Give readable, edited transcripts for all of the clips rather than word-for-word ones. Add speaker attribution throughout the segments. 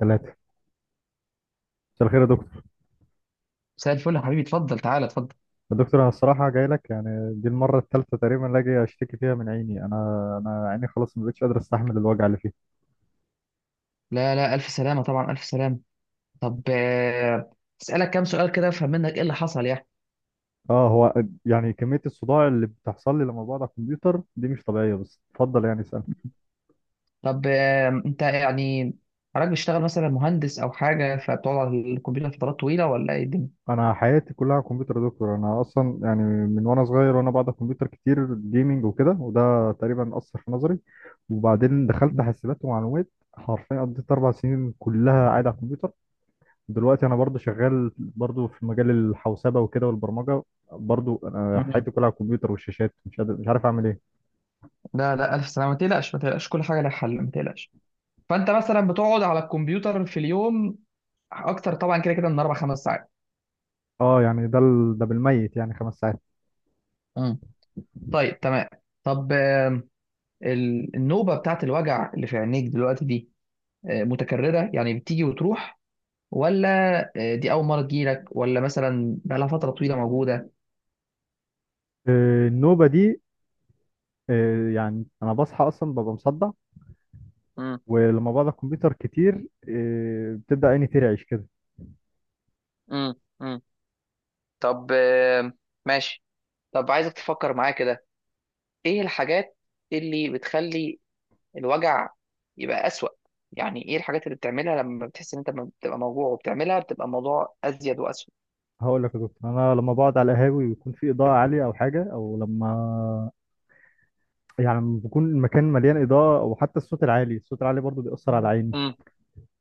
Speaker 1: ثلاثة. مساء الخير يا دكتور.
Speaker 2: مساء الفل يا حبيبي، اتفضل تعالى اتفضل.
Speaker 1: يا دكتور أنا الصراحة جاي لك، يعني دي المرة الثالثة تقريبا اللي أجي أشتكي فيها من عيني. أنا عيني خلاص ما بقتش قادر أستحمل الوجع اللي فيها.
Speaker 2: لا لا، الف سلامه طبعا، الف سلامه. طب، اسالك كام سؤال كده افهم منك ايه اللي حصل يعني.
Speaker 1: هو يعني كمية الصداع اللي بتحصل لي لما بقعد على الكمبيوتر دي مش طبيعية، بس اتفضل يعني اسأل.
Speaker 2: طب، انت يعني حضرتك بتشتغل مثلا مهندس او حاجه، فبتقعد على الكمبيوتر فترات طويله ولا ايه الدنيا؟
Speaker 1: أنا حياتي كلها على الكمبيوتر يا دكتور، أنا أصلا يعني من وأنا صغير وأنا بقعد على الكمبيوتر كتير، جيمنج وكده، وده تقريبا أثر في نظري. وبعدين دخلت حاسبات ومعلومات، حرفيا قضيت 4 سنين كلها قاعد على الكمبيوتر. دلوقتي انا برضو شغال برضو في مجال الحوسبه وكده والبرمجه. برضو انا
Speaker 2: مم.
Speaker 1: حياتي كلها على الكمبيوتر والشاشات، مش قادر مش عارف اعمل ايه.
Speaker 2: لا لا، الف سلامه، ما تقلقش ما تقلقش، كل حاجه لها حل، ما تقلقش. فانت مثلا بتقعد على الكمبيوتر في اليوم اكتر طبعا كده كده من 4 5 ساعات.
Speaker 1: اه يعني ده ده بالميت يعني 5 ساعات.
Speaker 2: مم. طيب تمام. طب، النوبة بتاعت الوجع اللي في عينيك دلوقتي دي، متكررة يعني بتيجي وتروح، ولا، دي أول مرة تجيلك، ولا مثلا بقالها فترة طويلة موجودة؟
Speaker 1: آه، النوبه دي، يعني انا بصحى اصلا ببقى مصدع.
Speaker 2: مم.
Speaker 1: ولما بقعد على الكمبيوتر كتير بتبدا عيني ترعش كده.
Speaker 2: مم. مم. طب، ماشي. طب عايزك تفكر معايا كده، ايه الحاجات اللي بتخلي الوجع يبقى أسوأ؟ يعني ايه الحاجات اللي بتعملها لما بتحس ان انت لما بتبقى موجوع وبتعملها بتبقى الموضوع ازيد واسوأ؟
Speaker 1: هقول لك يا دكتور، انا لما بقعد على القهاوي ويكون في اضاءه عاليه او حاجه، او لما يعني لما بيكون المكان مليان اضاءه، وحتى الصوت العالي، الصوت العالي برضو بيأثر على عيني.
Speaker 2: مم.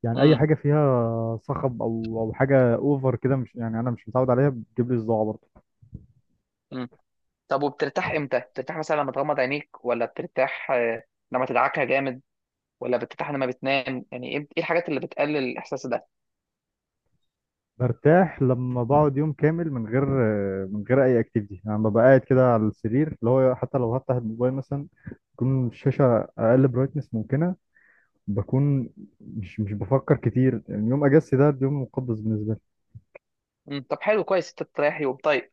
Speaker 1: يعني اي
Speaker 2: مم.
Speaker 1: حاجه فيها صخب او حاجه اوفر كده، مش يعني انا مش متعود عليها، بتجيب لي صداع برضه.
Speaker 2: مم. طب وبترتاح امتى؟ بترتاح مثلا لما تغمض عينيك، ولا بترتاح لما تدعكها جامد، ولا بترتاح لما بتنام؟ يعني ايه، إيه الحاجات اللي بتقلل الاحساس ده؟
Speaker 1: برتاح لما بقعد يوم كامل من غير اي اكتيفيتي، يعني ببقى قاعد كده على السرير، اللي هو حتى لو هفتح الموبايل مثلا تكون الشاشه اقل برايتنس ممكنه. بكون مش بفكر كتير، يعني يوم اجازتي ده اليوم مقدس بالنسبه لي.
Speaker 2: مم. طب حلو، كويس انت بتريحي وبطيب.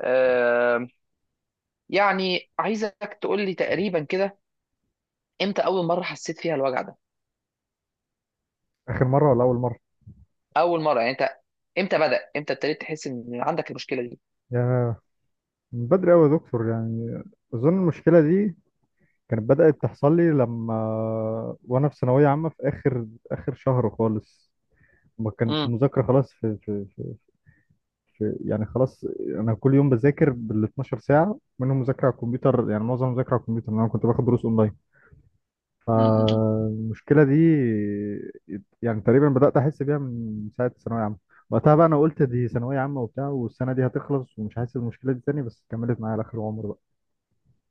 Speaker 2: آه. يعني عايزك تقول لي تقريبا كده، امتى اول مره حسيت فيها الوجع ده؟
Speaker 1: اخر مره ولا اول مره؟
Speaker 2: اول مره يعني انت امتى بدأ، امتى ابتديت تحس ان عندك المشكله دي؟
Speaker 1: يا، من بدري قوي يا دكتور يعني. اظن المشكله دي كانت بدأت تحصل لي لما وانا في ثانوية عامة، في اخر اخر شهر خالص، ما كانت
Speaker 2: مم.
Speaker 1: المذاكرة خلاص، في يعني خلاص. انا كل يوم بذاكر بال 12 ساعة، منهم مذاكرة على الكمبيوتر، يعني معظم مذاكرة على الكمبيوتر لأن انا كنت باخد دروس اونلاين.
Speaker 2: مم. مم.
Speaker 1: فالمشكلة دي يعني تقريبا بدأت احس بيها من ساعة ثانوية عامة. وقتها بقى انا قلت دي ثانوية عامة وبتاع، والسنة دي هتخلص ومش حاسس بالمشكلة دي تاني، بس كملت معايا لاخر عمري.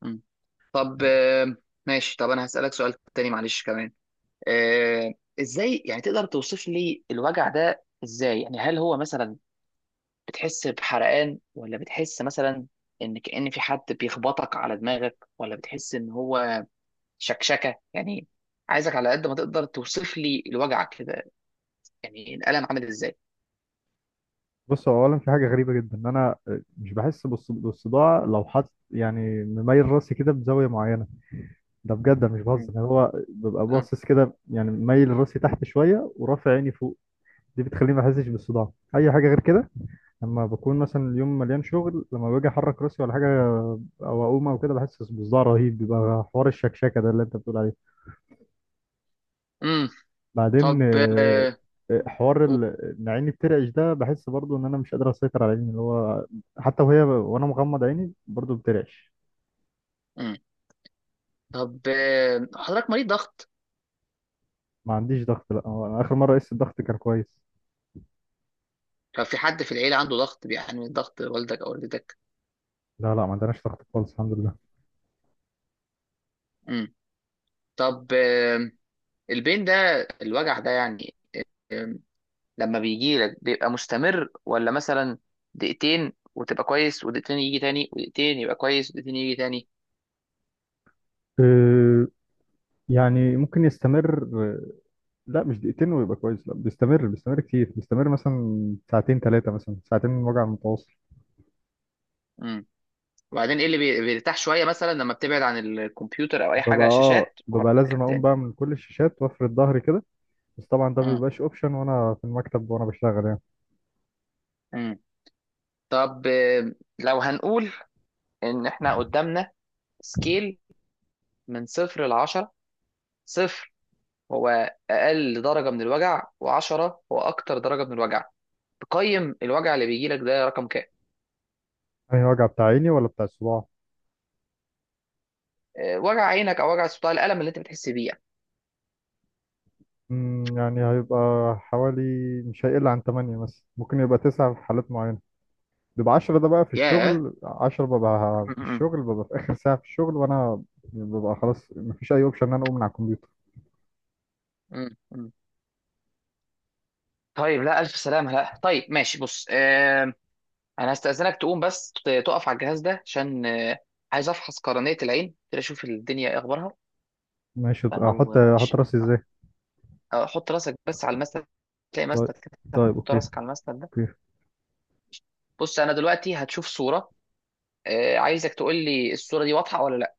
Speaker 2: مم. طب، ماشي. طب انا هسألك سؤال تاني معلش كمان. آه، ازاي يعني تقدر توصف لي الوجع ده ازاي؟ يعني هل هو مثلا بتحس بحرقان، ولا بتحس مثلا ان كأن في حد بيخبطك على دماغك، ولا بتحس ان هو شكشكه يعني؟ عايزك على قد ما تقدر توصف لي الوجع كده، يعني الألم عامل ازاي.
Speaker 1: بص، هو اولا في حاجه غريبه جدا، ان انا مش بحس بالصداع لو حط يعني مميل راسي كده بزاويه معينه. ده بجد أنا مش
Speaker 2: امم.
Speaker 1: بهزر، يعني هو ببقى
Speaker 2: آه.
Speaker 1: باصص كده، يعني مميل راسي تحت شويه ورافع عيني فوق، دي بتخليني ما احسش بالصداع. اي حاجه غير كده، لما بكون مثلا اليوم مليان شغل، لما باجي احرك راسي ولا حاجه او اقوم او كده بحس بصداع رهيب، بيبقى حوار الشكشكه ده اللي انت بتقول عليه.
Speaker 2: أمم.
Speaker 1: بعدين
Speaker 2: طب، آه.
Speaker 1: حوار
Speaker 2: أوه.
Speaker 1: ان عيني بترعش ده، بحس برضو ان انا مش قادر اسيطر على عيني، اللي هو حتى وهي وانا مغمض عيني برضو بترعش.
Speaker 2: أمم. طب، حضرتك مريض ضغط؟
Speaker 1: ما عنديش ضغط، لا هو أنا اخر مره قست الضغط كان كويس.
Speaker 2: لو في حد في العيلة عنده ضغط، بيعاني من ضغط، والدك او والدتك؟
Speaker 1: لا لا ما عندناش ضغط خالص، الحمد لله.
Speaker 2: امم. طب، البين ده، الوجع ده يعني، لما بيجي لك بيبقى مستمر، ولا مثلا دقيقتين وتبقى كويس ودقيقتين يجي تاني ودقيقتين يبقى كويس ودقيقتين يجي تاني؟
Speaker 1: أه، يعني ممكن يستمر، لا مش دقيقتين ويبقى كويس، لا بيستمر، بيستمر كتير، بيستمر مثلا ساعتين 3، مثلا ساعتين من وجع متواصل.
Speaker 2: امم. وبعدين ايه اللي بيرتاح شويه؟ مثلا لما بتبعد عن الكمبيوتر او اي
Speaker 1: ببقى
Speaker 2: حاجه
Speaker 1: اه
Speaker 2: شاشات
Speaker 1: ببقى
Speaker 2: وبعدين يرجع
Speaker 1: لازم اقوم
Speaker 2: تاني؟
Speaker 1: بقى من كل الشاشات وافرد ظهري كده، بس طبعا ده ما
Speaker 2: امم.
Speaker 1: بيبقاش اوبشن وانا في المكتب وانا بشتغل يعني.
Speaker 2: امم. طب، لو هنقول ان احنا قدامنا سكيل من صفر لعشرة، صفر هو اقل درجه من الوجع وعشرة هو اكتر درجه من الوجع، تقيم الوجع اللي بيجي لك ده رقم كام؟
Speaker 1: يعني وجع بتاع عيني ولا بتاع الصباع؟
Speaker 2: وجع عينك او وجع صوتها، الالم اللي انت بتحس بيه يعني.
Speaker 1: مم، يعني هيبقى حوالي، مش هيقل عن 8 مثلا، ممكن يبقى 9 في حالات معينة. بيبقى 10، ده بقى في
Speaker 2: ياه.
Speaker 1: الشغل 10، ببقى
Speaker 2: م-
Speaker 1: في
Speaker 2: م-
Speaker 1: الشغل، ببقى في آخر ساعة في الشغل وأنا ببقى خلاص مفيش أي أوبشن إن أنا أقوم من على الكمبيوتر.
Speaker 2: م- م. طيب لا، ألف سلامة. لا طيب، ماشي. بص، آه، أنا هستأذنك تقوم بس تقف على الجهاز ده عشان عايز أفحص قرنية العين كده، أشوف الدنيا إيه أخبارها.
Speaker 1: ماشي. أحط
Speaker 2: فلو
Speaker 1: أحط
Speaker 2: معلش،
Speaker 1: راسي
Speaker 2: آه،
Speaker 1: إزاي؟
Speaker 2: حط راسك بس على المسند، تلاقي
Speaker 1: طيب.
Speaker 2: مسند كده.
Speaker 1: طيب
Speaker 2: حط
Speaker 1: أوكي.
Speaker 2: راسك على المسند ده.
Speaker 1: أوكي
Speaker 2: بص أنا دلوقتي هتشوف صورة، آه، عايزك تقول لي الصورة دي واضحة ولا لا.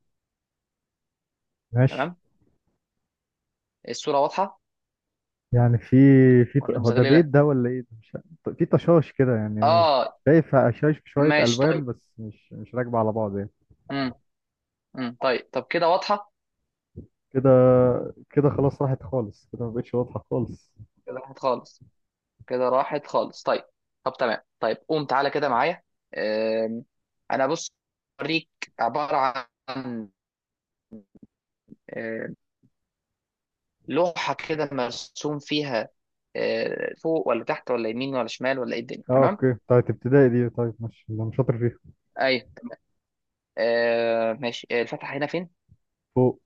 Speaker 1: ماشي.
Speaker 2: تمام. الصورة واضحة
Speaker 1: يعني في،
Speaker 2: ولا
Speaker 1: هو ده بيت
Speaker 2: مزغللة؟
Speaker 1: ده ولا إيه ده مش عارف. في طشاش كده يعني.
Speaker 2: آه.
Speaker 1: شايف هشاش في شوية
Speaker 2: ماشي طيب.
Speaker 1: ألوان بس مش راكبة على بعض يعني.
Speaker 2: م- م. طيب، طب كده واضحة؟
Speaker 1: كده، كده خلاص راحت خالص، كده ما بقتش واضحة خالص.
Speaker 2: كده واضحة خالص؟ كده راحت خالص؟ طيب. طب تمام. طيب قوم تعالى كده معايا. آم، انا بص اوريك عباره عن، آم، لوحه كده مرسوم فيها فوق ولا تحت ولا يمين ولا شمال ولا ايه الدنيا،
Speaker 1: اه
Speaker 2: تمام؟
Speaker 1: اوكي، بتاعت ابتدائي دي، طيب ماشي اللي انا شاطر فيها.
Speaker 2: ايوه. آه ماشي. الفتحه هنا فين؟
Speaker 1: فوق.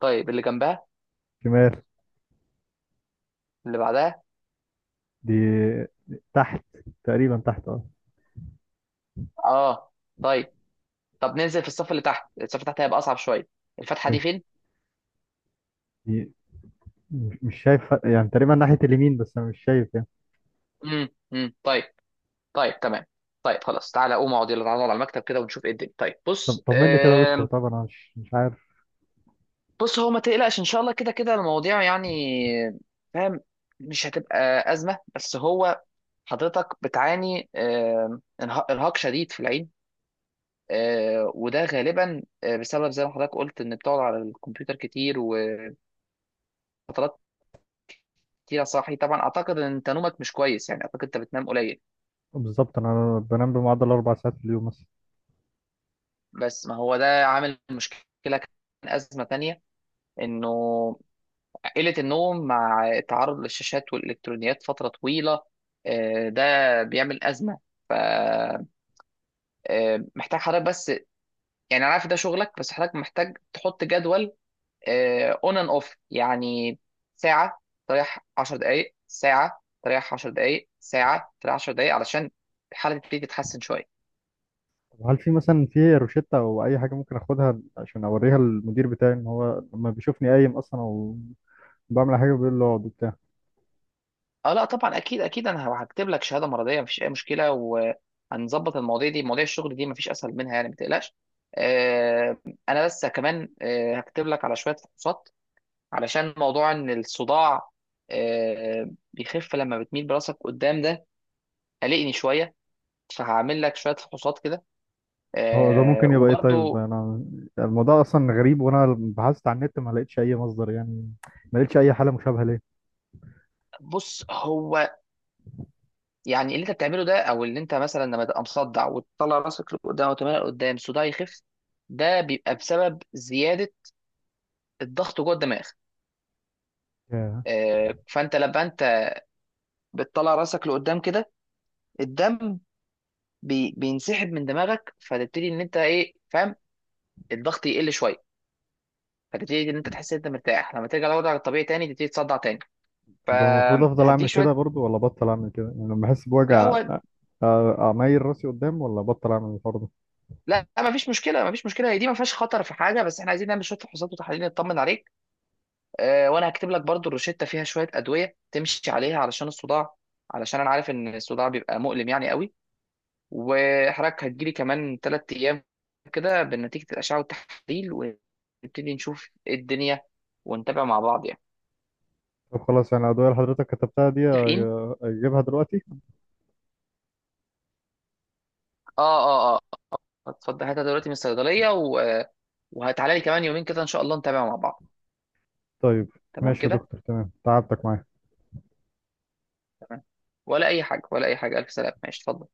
Speaker 2: طيب، اللي جنبها؟
Speaker 1: شمال.
Speaker 2: اللي بعدها؟
Speaker 1: دي تحت، تقريبا تحت اه.
Speaker 2: اه. طيب. طب ننزل في الصف اللي تحت. الصف اللي تحت هيبقى اصعب شويه. الفتحه دي
Speaker 1: اوكي
Speaker 2: فين؟
Speaker 1: دي، مش شايف، يعني تقريبا ناحية اليمين، بس انا مش شايف يعني.
Speaker 2: امم. امم. طيب. طيب تمام. طيب خلاص، تعالى قوم اقعد، يلا تعالى نقعد على المكتب كده ونشوف ايه الدنيا. طيب
Speaker 1: طب
Speaker 2: بص،
Speaker 1: طمني كده يا دكتور،
Speaker 2: آه.
Speaker 1: طبعا انا مش عارف.
Speaker 2: بص هو ما تقلقش، ان شاء الله كده كده المواضيع يعني، فاهم، مش هتبقى ازمه. بس هو حضرتك بتعاني ارهاق شديد في العين، وده غالبا بسبب زي ما حضرتك قلت ان بتقعد على الكمبيوتر كتير وفترات كتير صاحي طبعا. اعتقد ان انت نومك مش كويس، يعني اعتقد انت بتنام قليل.
Speaker 1: بالظبط، انا بنام بمعدل 4 ساعات في اليوم مثلا.
Speaker 2: بس ما هو ده عامل مشكله، كان ازمه تانية انه قلة النوم مع التعرض للشاشات والإلكترونيات فترة طويلة، ده بيعمل أزمة. فمحتاج حضرتك بس، يعني أنا عارف ده شغلك، بس حضرتك محتاج تحط جدول أون أند أوف يعني، ساعة تريح 10 دقايق، ساعة تريح 10 دقايق، ساعة تريح 10 دقايق، علشان الحالة تبتدي تتحسن شوية.
Speaker 1: طب هل في مثلا في روشتة او اي حاجة ممكن اخدها عشان اوريها للمدير بتاعي، ان هو لما بيشوفني قايم اصلا او بعمل حاجة بيقول له اقعد وبتاع.
Speaker 2: اه لا طبعا، اكيد اكيد، انا هكتب لك شهاده مرضيه، مفيش اي مشكله. وهنظبط المواضيع دي، مواضيع الشغل دي مفيش اسهل منها يعني، ما تقلقش. آه، انا بس كمان، هكتب لك على شويه فحوصات علشان موضوع ان الصداع، بيخف لما بتميل براسك قدام ده، قلقني شويه. فهعمل لك شويه فحوصات كده،
Speaker 1: هو ده ممكن يبقى ايه؟ طيب
Speaker 2: وبرضو
Speaker 1: انا الموضوع اصلا غريب، وانا بحثت على النت ما لقيتش اي مصدر يعني، ما لقيتش اي حالة مشابهة ليه.
Speaker 2: بص هو، يعني اللي انت بتعمله ده، او اللي انت مثلا لما تبقى مصدع وتطلع راسك لقدام وتميل لقدام الصداع يخف، ده بيبقى بسبب زياده الضغط جوه الدماغ.
Speaker 1: ياه.
Speaker 2: فانت لما انت بتطلع راسك لقدام كده، الدم بينسحب من دماغك، فتبتدي ان انت ايه، فاهم، الضغط يقل شويه، فتبتدي ان انت تحس ان انت مرتاح. لما ترجع لوضعك الطبيعي تاني تبتدي تصدع تاني،
Speaker 1: طب ده المفروض افضل اعمل
Speaker 2: فهديك
Speaker 1: كده
Speaker 2: شويه.
Speaker 1: برضو ولا بطل اعمل كده، يعني لما احس
Speaker 2: لا
Speaker 1: بوجع
Speaker 2: هو،
Speaker 1: اميل راسي قدام ولا بطل اعمل الحوار ده؟
Speaker 2: لا، ما فيش مشكله ما فيش مشكله، هي دي ما فيهاش خطر في حاجه، بس احنا عايزين نعمل شويه فحوصات وتحاليل نطمن عليك. وانا هكتب لك برضو الروشته، فيها شويه ادويه تمشي عليها علشان الصداع، علشان انا عارف ان الصداع بيبقى مؤلم يعني قوي. وحضرتك هتجيلي كمان 3 أيام كده بنتيجة الأشعة والتحاليل، ونبتدي نشوف إيه الدنيا ونتابع مع بعض يعني.
Speaker 1: طب خلاص، يعني الادوية اللي حضرتك كتبتها دي
Speaker 2: متفقين؟
Speaker 1: اجيبها دلوقتي؟
Speaker 2: آه آه آه. اتفضل هاتها دلوقتي من الصيدلية، و... وهتعالى لي كمان يومين كده إن شاء الله نتابع مع بعض.
Speaker 1: طيب
Speaker 2: تمام
Speaker 1: ماشي يا
Speaker 2: كده؟
Speaker 1: دكتور، تمام، تعبتك معايا.
Speaker 2: تمام. ولا أي حاجة ولا أي حاجة، ألف سلامة، ماشي اتفضل.